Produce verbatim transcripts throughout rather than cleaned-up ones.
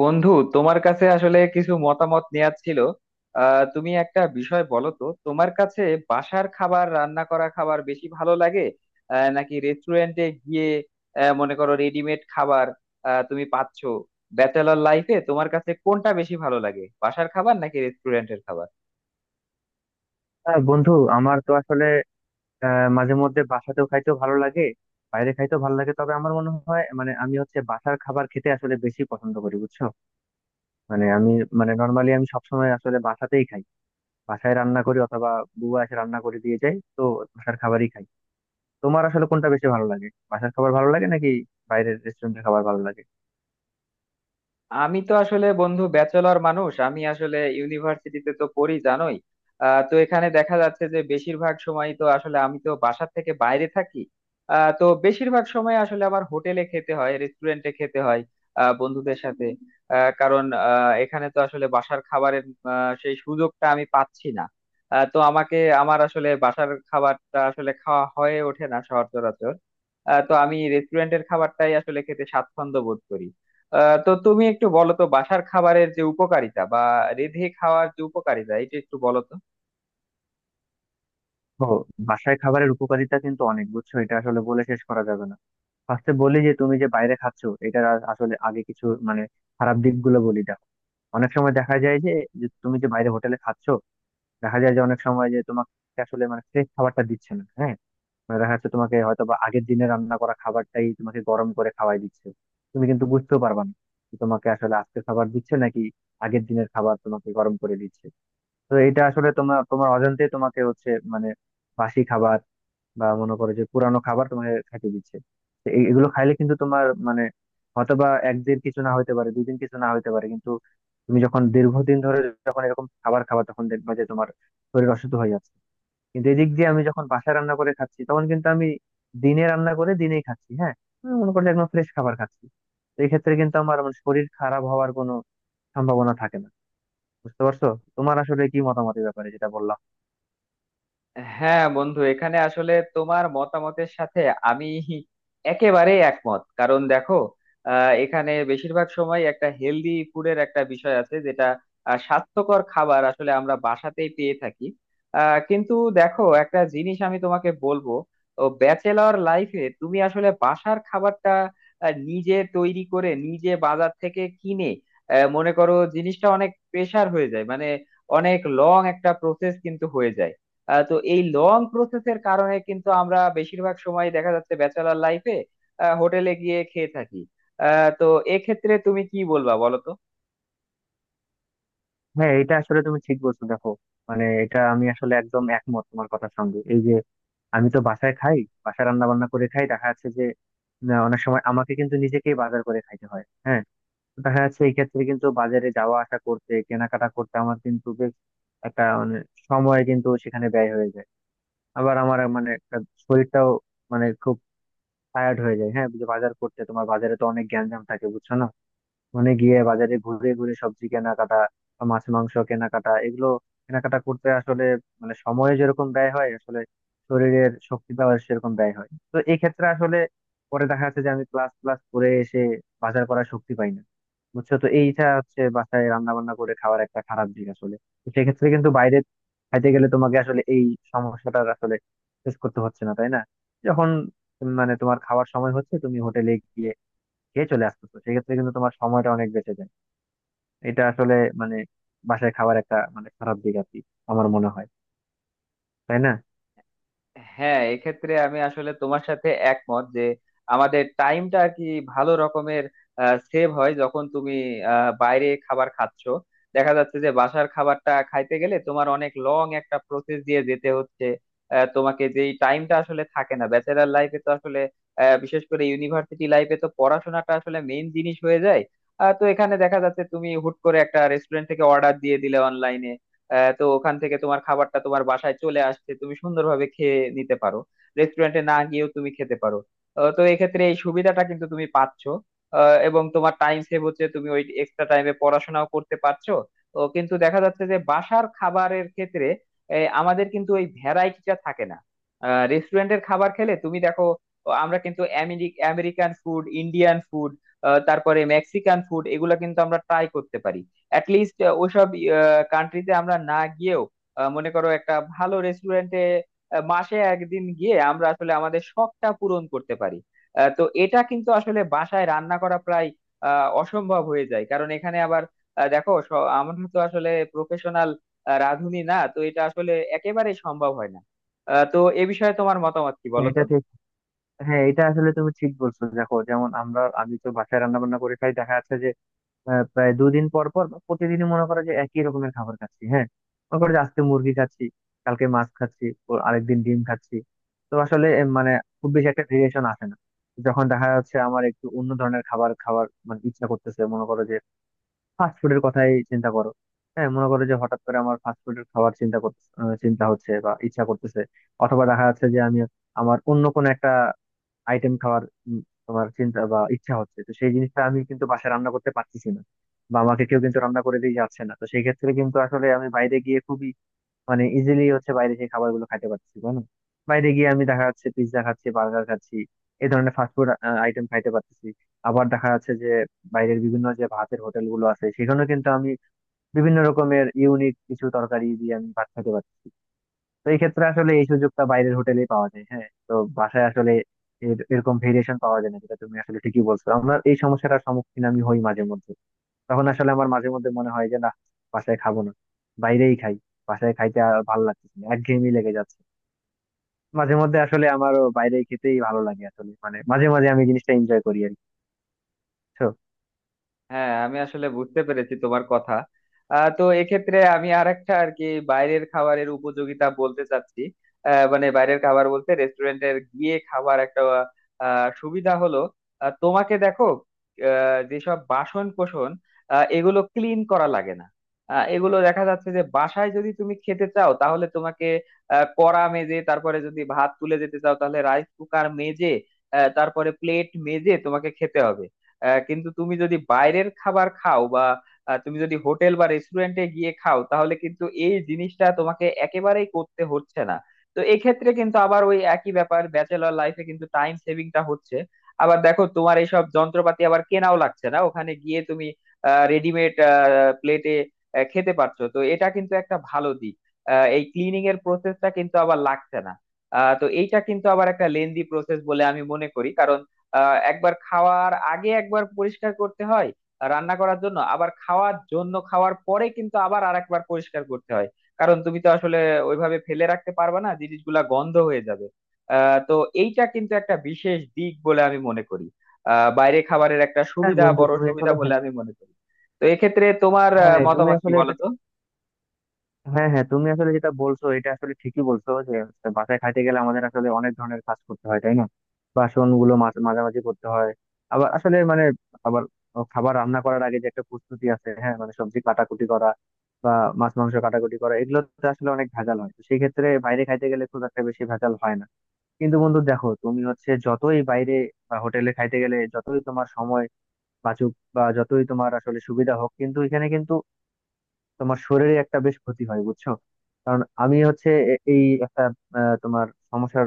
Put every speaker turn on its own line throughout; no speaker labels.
বন্ধু, তোমার কাছে আসলে কিছু মতামত নেওয়ার ছিল। আহ তুমি একটা বিষয় বলো তো, তোমার কাছে বাসার খাবার, রান্না করা খাবার বেশি ভালো লাগে, আহ নাকি রেস্টুরেন্টে গিয়ে, আহ মনে করো রেডিমেড খাবার আহ তুমি পাচ্ছ? ব্যাচেলর লাইফে তোমার কাছে কোনটা বেশি ভালো লাগে, বাসার খাবার নাকি রেস্টুরেন্টের খাবার?
হ্যাঁ বন্ধু, আমার তো আসলে আহ, মাঝে মধ্যে বাসাতেও খাইতেও ভালো লাগে, বাইরে খাইতেও ভালো লাগে। তবে আমার মনে হয়, মানে আমি হচ্ছে বাসার খাবার খেতে আসলে বেশি পছন্দ করি, বুঝছো। মানে আমি মানে নর্মালি আমি সবসময় আসলে বাসাতেই খাই। বাসায় রান্না করি অথবা বুয়া এসে রান্না করে দিয়ে যায়, তো বাসার খাবারই খাই। তোমার আসলে কোনটা বেশি ভালো লাগে? বাসার খাবার ভালো লাগে নাকি বাইরের রেস্টুরেন্টের খাবার ভালো লাগে?
আমি তো আসলে বন্ধু ব্যাচেলর মানুষ, আমি আসলে ইউনিভার্সিটিতে তো পড়ি, জানোই। আহ, তো এখানে দেখা যাচ্ছে যে বেশিরভাগ সময় তো আসলে আমি তো বাসার থেকে বাইরে থাকি। আহ, তো বেশিরভাগ সময় আসলে আমার হোটেলে খেতে হয়, রেস্টুরেন্টে খেতে হয়, আহ, বন্ধুদের সাথে। আহ, কারণ আহ, এখানে তো আসলে বাসার খাবারের আহ, সেই সুযোগটা আমি পাচ্ছি না। আহ, তো আমাকে আমার আসলে বাসার খাবারটা আসলে খাওয়া হয়ে ওঠে না সচরাচর। আহ, তো আমি রেস্টুরেন্টের খাবারটাই আসলে খেতে স্বাচ্ছন্দ্য বোধ করি। আহ, তো তুমি একটু বলো তো, বাসার খাবারের যে উপকারিতা বা রেঁধে খাওয়ার যে উপকারিতা, এটা একটু বলো তো।
ও, বাসায় খাবারের উপকারিতা কিন্তু অনেক, বুঝছো। এটা আসলে বলে শেষ করা যাবে না। ফার্স্টে বলি যে তুমি যে বাইরে খাচ্ছ, এটার আ- আসলে আগে কিছু, মানে খারাপ দিকগুলো বলি, দেখো। অনেক সময় দেখা যায় যে, যে তুমি যে বাইরে হোটেলে খাচ্ছ, দেখা যায় যে অনেক সময় যে তোমাকে আসলে মানে ফ্রেশ খাবারটা দিচ্ছে না। হ্যাঁ, মানে দেখা যাচ্ছে তোমাকে হয়তো বা আগের দিনে রান্না করা খাবারটাই তোমাকে গরম করে খাওয়াই দিচ্ছে। তুমি কিন্তু বুঝতেও পারবা না যে তোমাকে আসলে আজকে খাবার দিচ্ছে নাকি আগের দিনের খাবার তোমাকে গরম করে দিচ্ছে। তো এটা আসলে তোমার তোমার অজান্তে তোমাকে হচ্ছে মানে বাসি খাবার বা মনে করো যে পুরানো খাবার তোমাকে খাইতে দিচ্ছে। তো এই- এগুলো খাইলে কিন্তু তোমার মানে হয়তোবা একদিন কিছু না হইতে পারে, দুদিন কিছু না হইতে পারে, কিন্তু তুমি যখন দীর্ঘদিন ধরে, যখন এরকম খাবার খাবা, তখন দেখবা যে তোমার শরীর অসুস্থ হয়ে যাচ্ছে। কিন্তু এদিক দিয়ে আমি যখন বাসায় রান্না করে খাচ্ছি, তখন কিন্তু আমি দিনে রান্না করে দিনেই খাচ্ছি। হ্যাঁ, আমি মনে করলে একদম ফ্রেশ খাবার খাচ্ছি। তো এই ক্ষেত্রে কিন্তু আমার মানে শরীর খারাপ হওয়ার কোনো সম্ভাবনা থাকে না। বুঝতে পারছো? তোমার আসলে কি মতামত এই ব্যাপারে যেটা বললাম?
হ্যাঁ বন্ধু, এখানে আসলে তোমার মতামতের সাথে আমি একেবারে একমত, কারণ দেখো আহ, এখানে বেশিরভাগ সময় একটা হেলদি ফুডের একটা বিষয় আছে, যেটা আহ, স্বাস্থ্যকর খাবার আসলে আমরা বাসাতেই পেয়ে থাকি। আহ, কিন্তু দেখো একটা জিনিস আমি তোমাকে বলবো, ও ব্যাচেলর লাইফে তুমি আসলে বাসার খাবারটা আহ, নিজে তৈরি করে, নিজে বাজার থেকে কিনে, আহ, মনে করো জিনিসটা অনেক প্রেসার হয়ে যায়, মানে অনেক লং একটা প্রসেস কিন্তু হয়ে যায়। আহ, তো এই লং প্রসেসের কারণে কিন্তু আমরা বেশিরভাগ সময় দেখা যাচ্ছে ব্যাচেলার লাইফে হোটেলে গিয়ে খেয়ে থাকি। আহ, তো এক্ষেত্রে তুমি কি বলবা বলো তো?
হ্যাঁ এটা আসলে তুমি ঠিক বলছো, দেখো। মানে এটা আমি আসলে একদম একমত তোমার কথার সঙ্গে। এই যে আমি তো বাসায় খাই, বাসায় রান্না বান্না করে খাই, দেখা যাচ্ছে যে না, অনেক সময় আমাকে কিন্তু নিজেকেই বাজার করে খাইতে হয়। হ্যাঁ, তো দেখা যাচ্ছে এই ক্ষেত্রে কিন্তু বাজারে যাওয়া আসা করতে, কেনাকাটা করতে, আমার কিন্তু বেশ একটা মানে সময় কিন্তু সেখানে ব্যয় হয়ে যায়। আবার আমার মানে একটা শরীরটাও মানে খুব টায়ার্ড হয়ে যায়। হ্যাঁ, যে বাজার করতে তোমার বাজারে তো অনেক গ্যাঞ্জাম থাকে, বুঝছো না। মানে গিয়ে বাজারে ঘুরে ঘুরে সবজি কেনাকাটা বা মাছ মাংস কেনাকাটা এগুলো কেনাকাটা করতে আসলে মানে সময়ে যেরকম ব্যয় হয়, আসলে শরীরের শক্তি পাওয়ার সেরকম ব্যয় হয়। তো এই ক্ষেত্রে আসলে পরে দেখা যাচ্ছে যে আমি ক্লাস ক্লাস করে এসে বাজার করার শক্তি পাই না, বুঝছো। তো এইটা হচ্ছে বাসায় রান্না বান্না করে খাওয়ার একটা খারাপ দিক আসলে। তো সেক্ষেত্রে কিন্তু বাইরে খাইতে গেলে তোমাকে আসলে এই সমস্যাটা আসলে ফেস করতে হচ্ছে না, তাই না? যখন উম, মানে তোমার খাওয়ার সময় হচ্ছে, তুমি হোটেলে গিয়ে খেয়ে চলে আসতেছো, সেক্ষেত্রে কিন্তু তোমার সময়টা অনেক বেঁচে যায়। এটা আসলে মানে বাসায় খাওয়ার একটা মানে খারাপ দিক আর কি। আমার মনে হয়, তাই না?
হ্যাঁ এক্ষেত্রে আমি আসলে তোমার সাথে একমত যে আমাদের টাইমটা আর কি ভালো রকমের সেভ হয় যখন তুমি আহ, বাইরে খাবার খাচ্ছো। দেখা যাচ্ছে যে বাসার খাবারটা খাইতে গেলে তোমার অনেক লং একটা প্রসেস দিয়ে যেতে হচ্ছে। আহ, তোমাকে যেই টাইমটা আসলে থাকে না ব্যাচেলার লাইফে, তো আসলে আহ, বিশেষ করে ইউনিভার্সিটি লাইফে তো পড়াশোনাটা আসলে মেইন জিনিস হয়ে যায়। আহ, তো এখানে দেখা যাচ্ছে তুমি হুট করে একটা রেস্টুরেন্ট থেকে অর্ডার দিয়ে দিলে অনলাইনে, আহ, তো ওখান থেকে তোমার খাবারটা তোমার বাসায় চলে আসছে, তুমি সুন্দরভাবে খেয়ে নিতে পারো, রেস্টুরেন্টে না গিয়েও তুমি খেতে পারো। আহ, তো এক্ষেত্রে এই সুবিধাটা কিন্তু তুমি পাচ্ছ, আহ, এবং তোমার টাইম সেভ হচ্ছে, তুমি ওই এক্সট্রা টাইমে পড়াশোনাও করতে পারছো। তো কিন্তু দেখা যাচ্ছে যে বাসার খাবারের ক্ষেত্রে এই আমাদের কিন্তু ওই ভ্যারাইটিটা থাকে না। রেস্টুরেন্টের খাবার খেলে তুমি দেখো, ও আমরা কিন্তু আমেরি- আমেরিকান ফুড, ইন্ডিয়ান ফুড, তারপরে মেক্সিকান ফুড, এগুলো কিন্তু আমরা ট্রাই করতে পারি। অ্যাটলিস্ট ওইসব কান্ট্রিতে আমরা না গিয়েও আহ, মনে করো একটা ভালো রেস্টুরেন্টে মাসে একদিন গিয়ে আমরা আসলে আমাদের শখটা পূরণ করতে পারি। আহ, তো এটা কিন্তু আসলে বাসায় রান্না করা প্রায় আহ, অসম্ভব হয়ে যায়, কারণ এখানে আবার আহ, দেখো, স- আমরা তো আসলে প্রফেশনাল রাঁধুনি না, তো এটা আসলে একেবারেই সম্ভব হয় না। আহ, তো এ বিষয়ে তোমার মতামত কি
তো
বলো তো?
এটা ঠিক। হ্যাঁ এটা আসলে তুমি ঠিক বলছো, দেখো। যেমন আমরা, আমি তো বাসায় রান্না বান্না করে খাই, দেখা যাচ্ছে যে আহ, প্রায় দুদিন পর পর বা প্রতিদিনই মনে করো যে একই রকমের খাবার খাচ্ছি। হ্যাঁ, মনে করো যে আজকে মুরগি খাচ্ছি, কালকে মাছ খাচ্ছি, ও আরেকদিন ডিম খাচ্ছি। তো আসলে এ, মানে খুব বেশি একটা ভেরিয়েশন আসে না। যখন দেখা যাচ্ছে আমার একটু অন্য ধরনের খাবার খাওয়ার মানে ইচ্ছা করতেছে, মনে করো যে ফাস্ট ফুডের কথাই চিন্তা করো। হ্যাঁ, মনে করো যে হঠাৎ করে আমার ফাস্ট ফুডের খাবার চিন্তা করতে আহ, চিন্তা হচ্ছে বা ইচ্ছা করতেছে। অথবা দেখা যাচ্ছে যে আমি, আমার অন্য কোনো একটা আইটেম খাওয়ার উম, তোমার চিন্তা বা ইচ্ছা হচ্ছে, তো সেই জিনিসটা আমি কিন্তু বাসায় রান্না করতে পারতেছি না বা আমাকে কেউ কিন্তু রান্না করে দিয়ে যাচ্ছে না। তো সেই ক্ষেত্রে কিন্তু আসলে আমি বাইরে গিয়ে খুবই, মানে ইজিলি হচ্ছে বাইরে সেই খাবার গুলো খাইতে পারতেছি, তাই না? বাইরে গিয়ে আমি দেখা যাচ্ছে পিৎজা খাচ্ছি, বার্গার খাচ্ছি, এই ধরনের ফাস্টফুড আইটেম খাইতে পারতেছি। আবার দেখা যাচ্ছে যে বাইরের বিভিন্ন যে ভাতের হোটেল গুলো আছে, সেখানে কিন্তু আমি বিভিন্ন রকমের ইউনিক কিছু তরকারি দিয়ে আমি ভাত খেতে পারতেছি। তো এই ক্ষেত্রে আসলে এই সুযোগটা বাইরের হোটেলেই পাওয়া যায়। হ্যাঁ, তো বাসায় আসলে এর- এরকম ভেরিয়েশন পাওয়া যায় না, যেটা তুমি আসলে ঠিকই বলছো। আমরা এই সমস্যাটার সম্মুখীন আমি হই মাঝে মধ্যে। তখন আসলে আমার মাঝে মধ্যে মনে হয় যে না, বাসায় খাবো না, বাইরেই খাই। বাসায় খাইতে আর ভালো লাগতেছে না, একঘেয়েমি লেগে যাচ্ছে। মাঝে মধ্যে আসলে আমারও বাইরে খেতেই ভালো লাগে আসলে, মানে মাঝে মাঝে আমি জিনিসটা এনজয় করি আর কি, বুঝছো?
হ্যাঁ আমি আসলে বুঝতে পেরেছি তোমার কথা। আহ, তো এক্ষেত্রে আমি আর একটা আর কি বাইরের খাবারের উপযোগিতা বলতে চাচ্ছি। আহ, মানে বাইরের খাবার বলতে রেস্টুরেন্টের গিয়ে খাবার একটা আহ, সুবিধা হলো আহ, তোমাকে দেখো আহ, যেসব বাসন কোসন আহ, এগুলো ক্লিন করা লাগে না। আহ, এগুলো দেখা যাচ্ছে যে বাসায় যদি তুমি খেতে চাও তাহলে তোমাকে আহ, কড়া মেজে, তারপরে যদি ভাত তুলে যেতে চাও তাহলে রাইস কুকার মেজে, আহ, তারপরে প্লেট মেজে তোমাকে খেতে হবে। আহ, কিন্তু তুমি যদি বাইরের খাবার খাও বা আহ, তুমি যদি হোটেল বা রেস্টুরেন্টে গিয়ে খাও, তাহলে কিন্তু এই জিনিসটা তোমাকে একেবারেই করতে হচ্ছে না। তো এক্ষেত্রে কিন্তু আবার ওই একই ব্যাপার, ব্যাচেলর লাইফে কিন্তু টাইম সেভিংটা হচ্ছে। আবার দেখো তোমার এইসব যন্ত্রপাতি আবার কেনাও লাগছে না, ওখানে গিয়ে তুমি রেডিমেড প্লেটে খেতে পারছো, তো এটা কিন্তু একটা ভালো দিক। আহ, এই ক্লিনিং এর প্রসেসটা কিন্তু আবার লাগছে না। আহ, তো এইটা কিন্তু আবার একটা লেন্দি প্রসেস বলে আমি মনে করি, কারণ আহ একবার খাওয়ার আগে একবার পরিষ্কার করতে হয় রান্না করার জন্য, আবার খাওয়ার জন্য, খাওয়ার পরে কিন্তু আবার আরেকবার পরিষ্কার করতে হয়, কারণ তুমি তো আসলে ওইভাবে ফেলে রাখতে পারবে না, জিনিসগুলা গন্ধ হয়ে যাবে। আহ তো এইটা কিন্তু একটা বিশেষ দিক বলে আমি মনে করি, আহ বাইরে খাবারের একটা
হ্যাঁ
সুবিধা,
বন্ধু,
বড়
তুমি
সুবিধা
আসলে
বলে
হ্যাঁ।
আমি মনে করি। তো এক্ষেত্রে তোমার আহ,
হ্যাঁ, তুমি
মতামত কি
আসলে
বলো
এটা,
তো?
হ্যাঁ হ্যাঁ তুমি আসলে যেটা বলছো এটা আসলে ঠিকই বলছো, যে হচ্ছে বাসায় খাইতে গেলে আমাদের আসলে অনেক ধরনের কাজ করতে হয়, তাই না। বাসন গুলো মাঝ- মাঝামাঝি করতে হয়। আবার আসলে মানে, আবার খাবার রান্না করার আগে যে একটা প্রস্তুতি আছে। হ্যাঁ, মানে সবজি কাটাকুটি করা বা মাছ মাংস কাটাকুটি করা, এগুলোতে আসলে অনেক ভেজাল হয়। তো সেই ক্ষেত্রে বাইরে খাইতে গেলে খুব একটা বেশি ভেজাল হয় না। কিন্তু বন্ধু দেখো, তুমি হচ্ছে যতই বাইরে বা হোটেলে খাইতে গেলে যতই তোমার সময় বাঁচুক বা যতই তোমার আসলে সুবিধা হোক, কিন্তু এখানে কিন্তু তোমার শরীরে একটা বেশ ক্ষতি হয়, বুঝছো। কারণ আমি হচ্ছে এ- এই একটা আহ, তোমার সমস্যার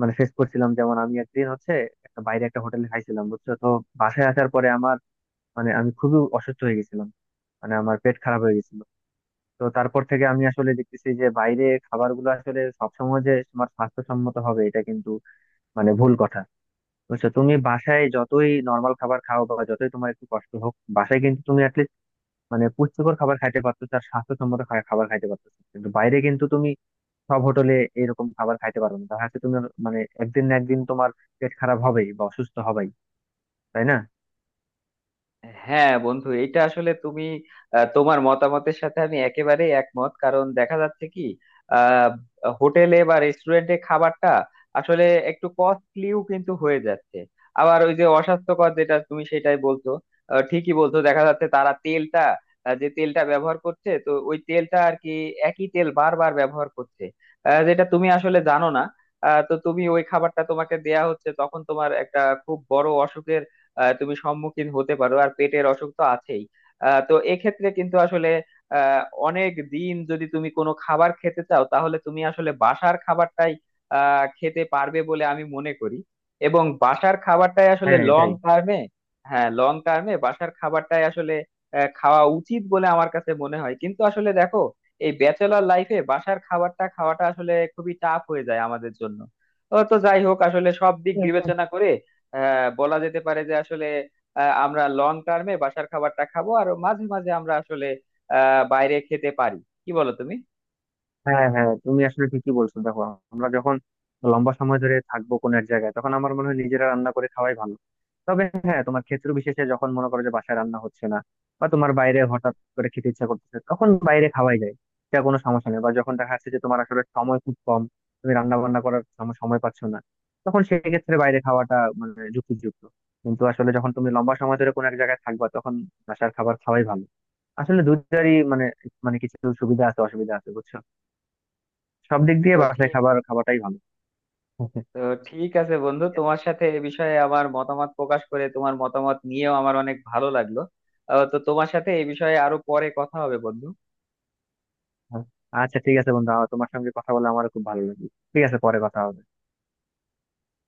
মানে ফেস করছিলাম। যেমন আমি একদিন হচ্ছে একটা বাইরে একটা হোটেলে খাইছিলাম, বুঝছো তো। বাসায় আসার পরে আমার মানে আমি খুবই অসুস্থ হয়ে গেছিলাম, মানে আমার পেট খারাপ হয়ে গেছিল। তো তারপর থেকে আমি আসলে দেখতেছি যে বাইরে খাবারগুলো আসলে সবসময় যে তোমার স্বাস্থ্যসম্মত হবে এটা কিন্তু মানে ভুল কথা, বুঝছো। তুমি বাসায় যতই নর্মাল খাবার খাও বা যতই তোমার একটু কষ্ট হোক, বাসায় কিন্তু তুমি মানে পুষ্টিকর খাবার খাইতে পারতেছে আর স্বাস্থ্যসম্মত খা- খাবার খাইতে পারতেছে। কিন্তু বাইরে কিন্তু তুমি সব হোটেলে এরকম খাবার খাইতে পারবে না। দেখা যাচ্ছে তুমি মানে একদিন না একদিন তোমার পেট খারাপ হবেই বা অসুস্থ হবেই, তাই না?
হ্যাঁ বন্ধু, এটা আসলে তুমি আহ, তোমার মতামতের সাথে আমি একেবারে একমত, কারণ দেখা যাচ্ছে কি আহ, হোটেলে বা রেস্টুরেন্টে খাবারটা আসলে একটু কস্টলিও কিন্তু হয়ে যাচ্ছে। আবার ওই যে অস্বাস্থ্যকর, যেটা তুমি সেটাই বলছো, আহ, ঠিকই বলছো। দেখা যাচ্ছে তারা তেলটা আহ, যে তেলটা ব্যবহার করছে, তো ওই তেলটা আর কি একই তেল বারবার ব্যবহার করছে, আহ, যেটা তুমি আসলে জানো না। আহ, তো তুমি ওই খাবারটা তোমাকে দেয়া হচ্ছে, তখন তোমার একটা খুব বড় অসুখের আহ, তুমি সম্মুখীন হতে পারো, আর পেটের অসুখ তো আছেই। আহ, তো এক্ষেত্রে কিন্তু আসলে আহ, অনেক দিন যদি তুমি কোনো খাবার খেতে চাও, তাহলে তুমি আসলে বাসার খাবারটাই আহ, খেতে পারবে বলে আমি মনে করি। এবং বাসার খাবারটাই আসলে
হ্যাঁ
লং
এটাই।
টার্মে, হ্যাঁ লং টার্মে বাসার খাবারটাই আসলে আহ, খাওয়া উচিত বলে আমার কাছে মনে হয়। কিন্তু আসলে দেখো, এই ব্যাচেলর লাইফে বাসার খাবারটা খাওয়াটা আসলে খুবই টাফ হয়ে যায় আমাদের জন্য। ও তো যাই হোক, আসলে সব দিক বিবেচনা করে হ্যাঁ বলা যেতে পারে যে আসলে আহ, আমরা লং টার্মে বাসার খাবারটা খাবো আর মাঝে মাঝে আমরা আসলে আহ বাইরে খেতে পারি। কি বলো তুমি?
হ্যাঁ হ্যাঁ তুমি আসলে ঠিকই বলছো, দেখো। আমরা যখন লম্বা সময় ধরে থাকবো কোনো এক জায়গায়, তখন আমার মনে হয় নিজেরা রান্না করে খাওয়াই ভালো। তবে হ্যাঁ, তোমার ক্ষেত্র বিশেষে যখন মনে করো যে বাসায় রান্না হচ্ছে না বা তোমার বাইরে হঠাৎ করে খেতে ইচ্ছা করতেছে, তখন বাইরে খাওয়াই যায়, সেটা কোনো সমস্যা নেই। বা যখন দেখা যাচ্ছে যে তোমার আসলে সময় খুব কম, তুমি রান্না বান্না করার সম- সময় পাচ্ছ না, তখন সেক্ষেত্রে বাইরে খাওয়াটা মানে যুক্তিযুক্ত। কিন্তু আসলে যখন তুমি লম্বা সময় ধরে কোনো এক জায়গায় থাকবা তখন বাসার খাবার খাওয়াই ভালো। আসলে দুটারই মানে, মানে কিছু সুবিধা আছে অসুবিধা আছে, বুঝছো। সব দিক
তো
দিয়ে বাসায়
ঠিক,
খাবার খাওয়াটাই ভালো।
তো ঠিক আছে বন্ধু, তোমার সাথে এ বিষয়ে আমার মতামত প্রকাশ করে, তোমার মতামত নিয়েও আমার অনেক ভালো লাগলো। আহ, তো তোমার সাথে এই বিষয়ে আরো পরে কথা হবে বন্ধু।
আচ্ছা ঠিক আছে বন্ধু, আমার তোমার সঙ্গে কথা বলে আমার খুব ভালো লাগলো। ঠিক আছে, পরে কথা হবে।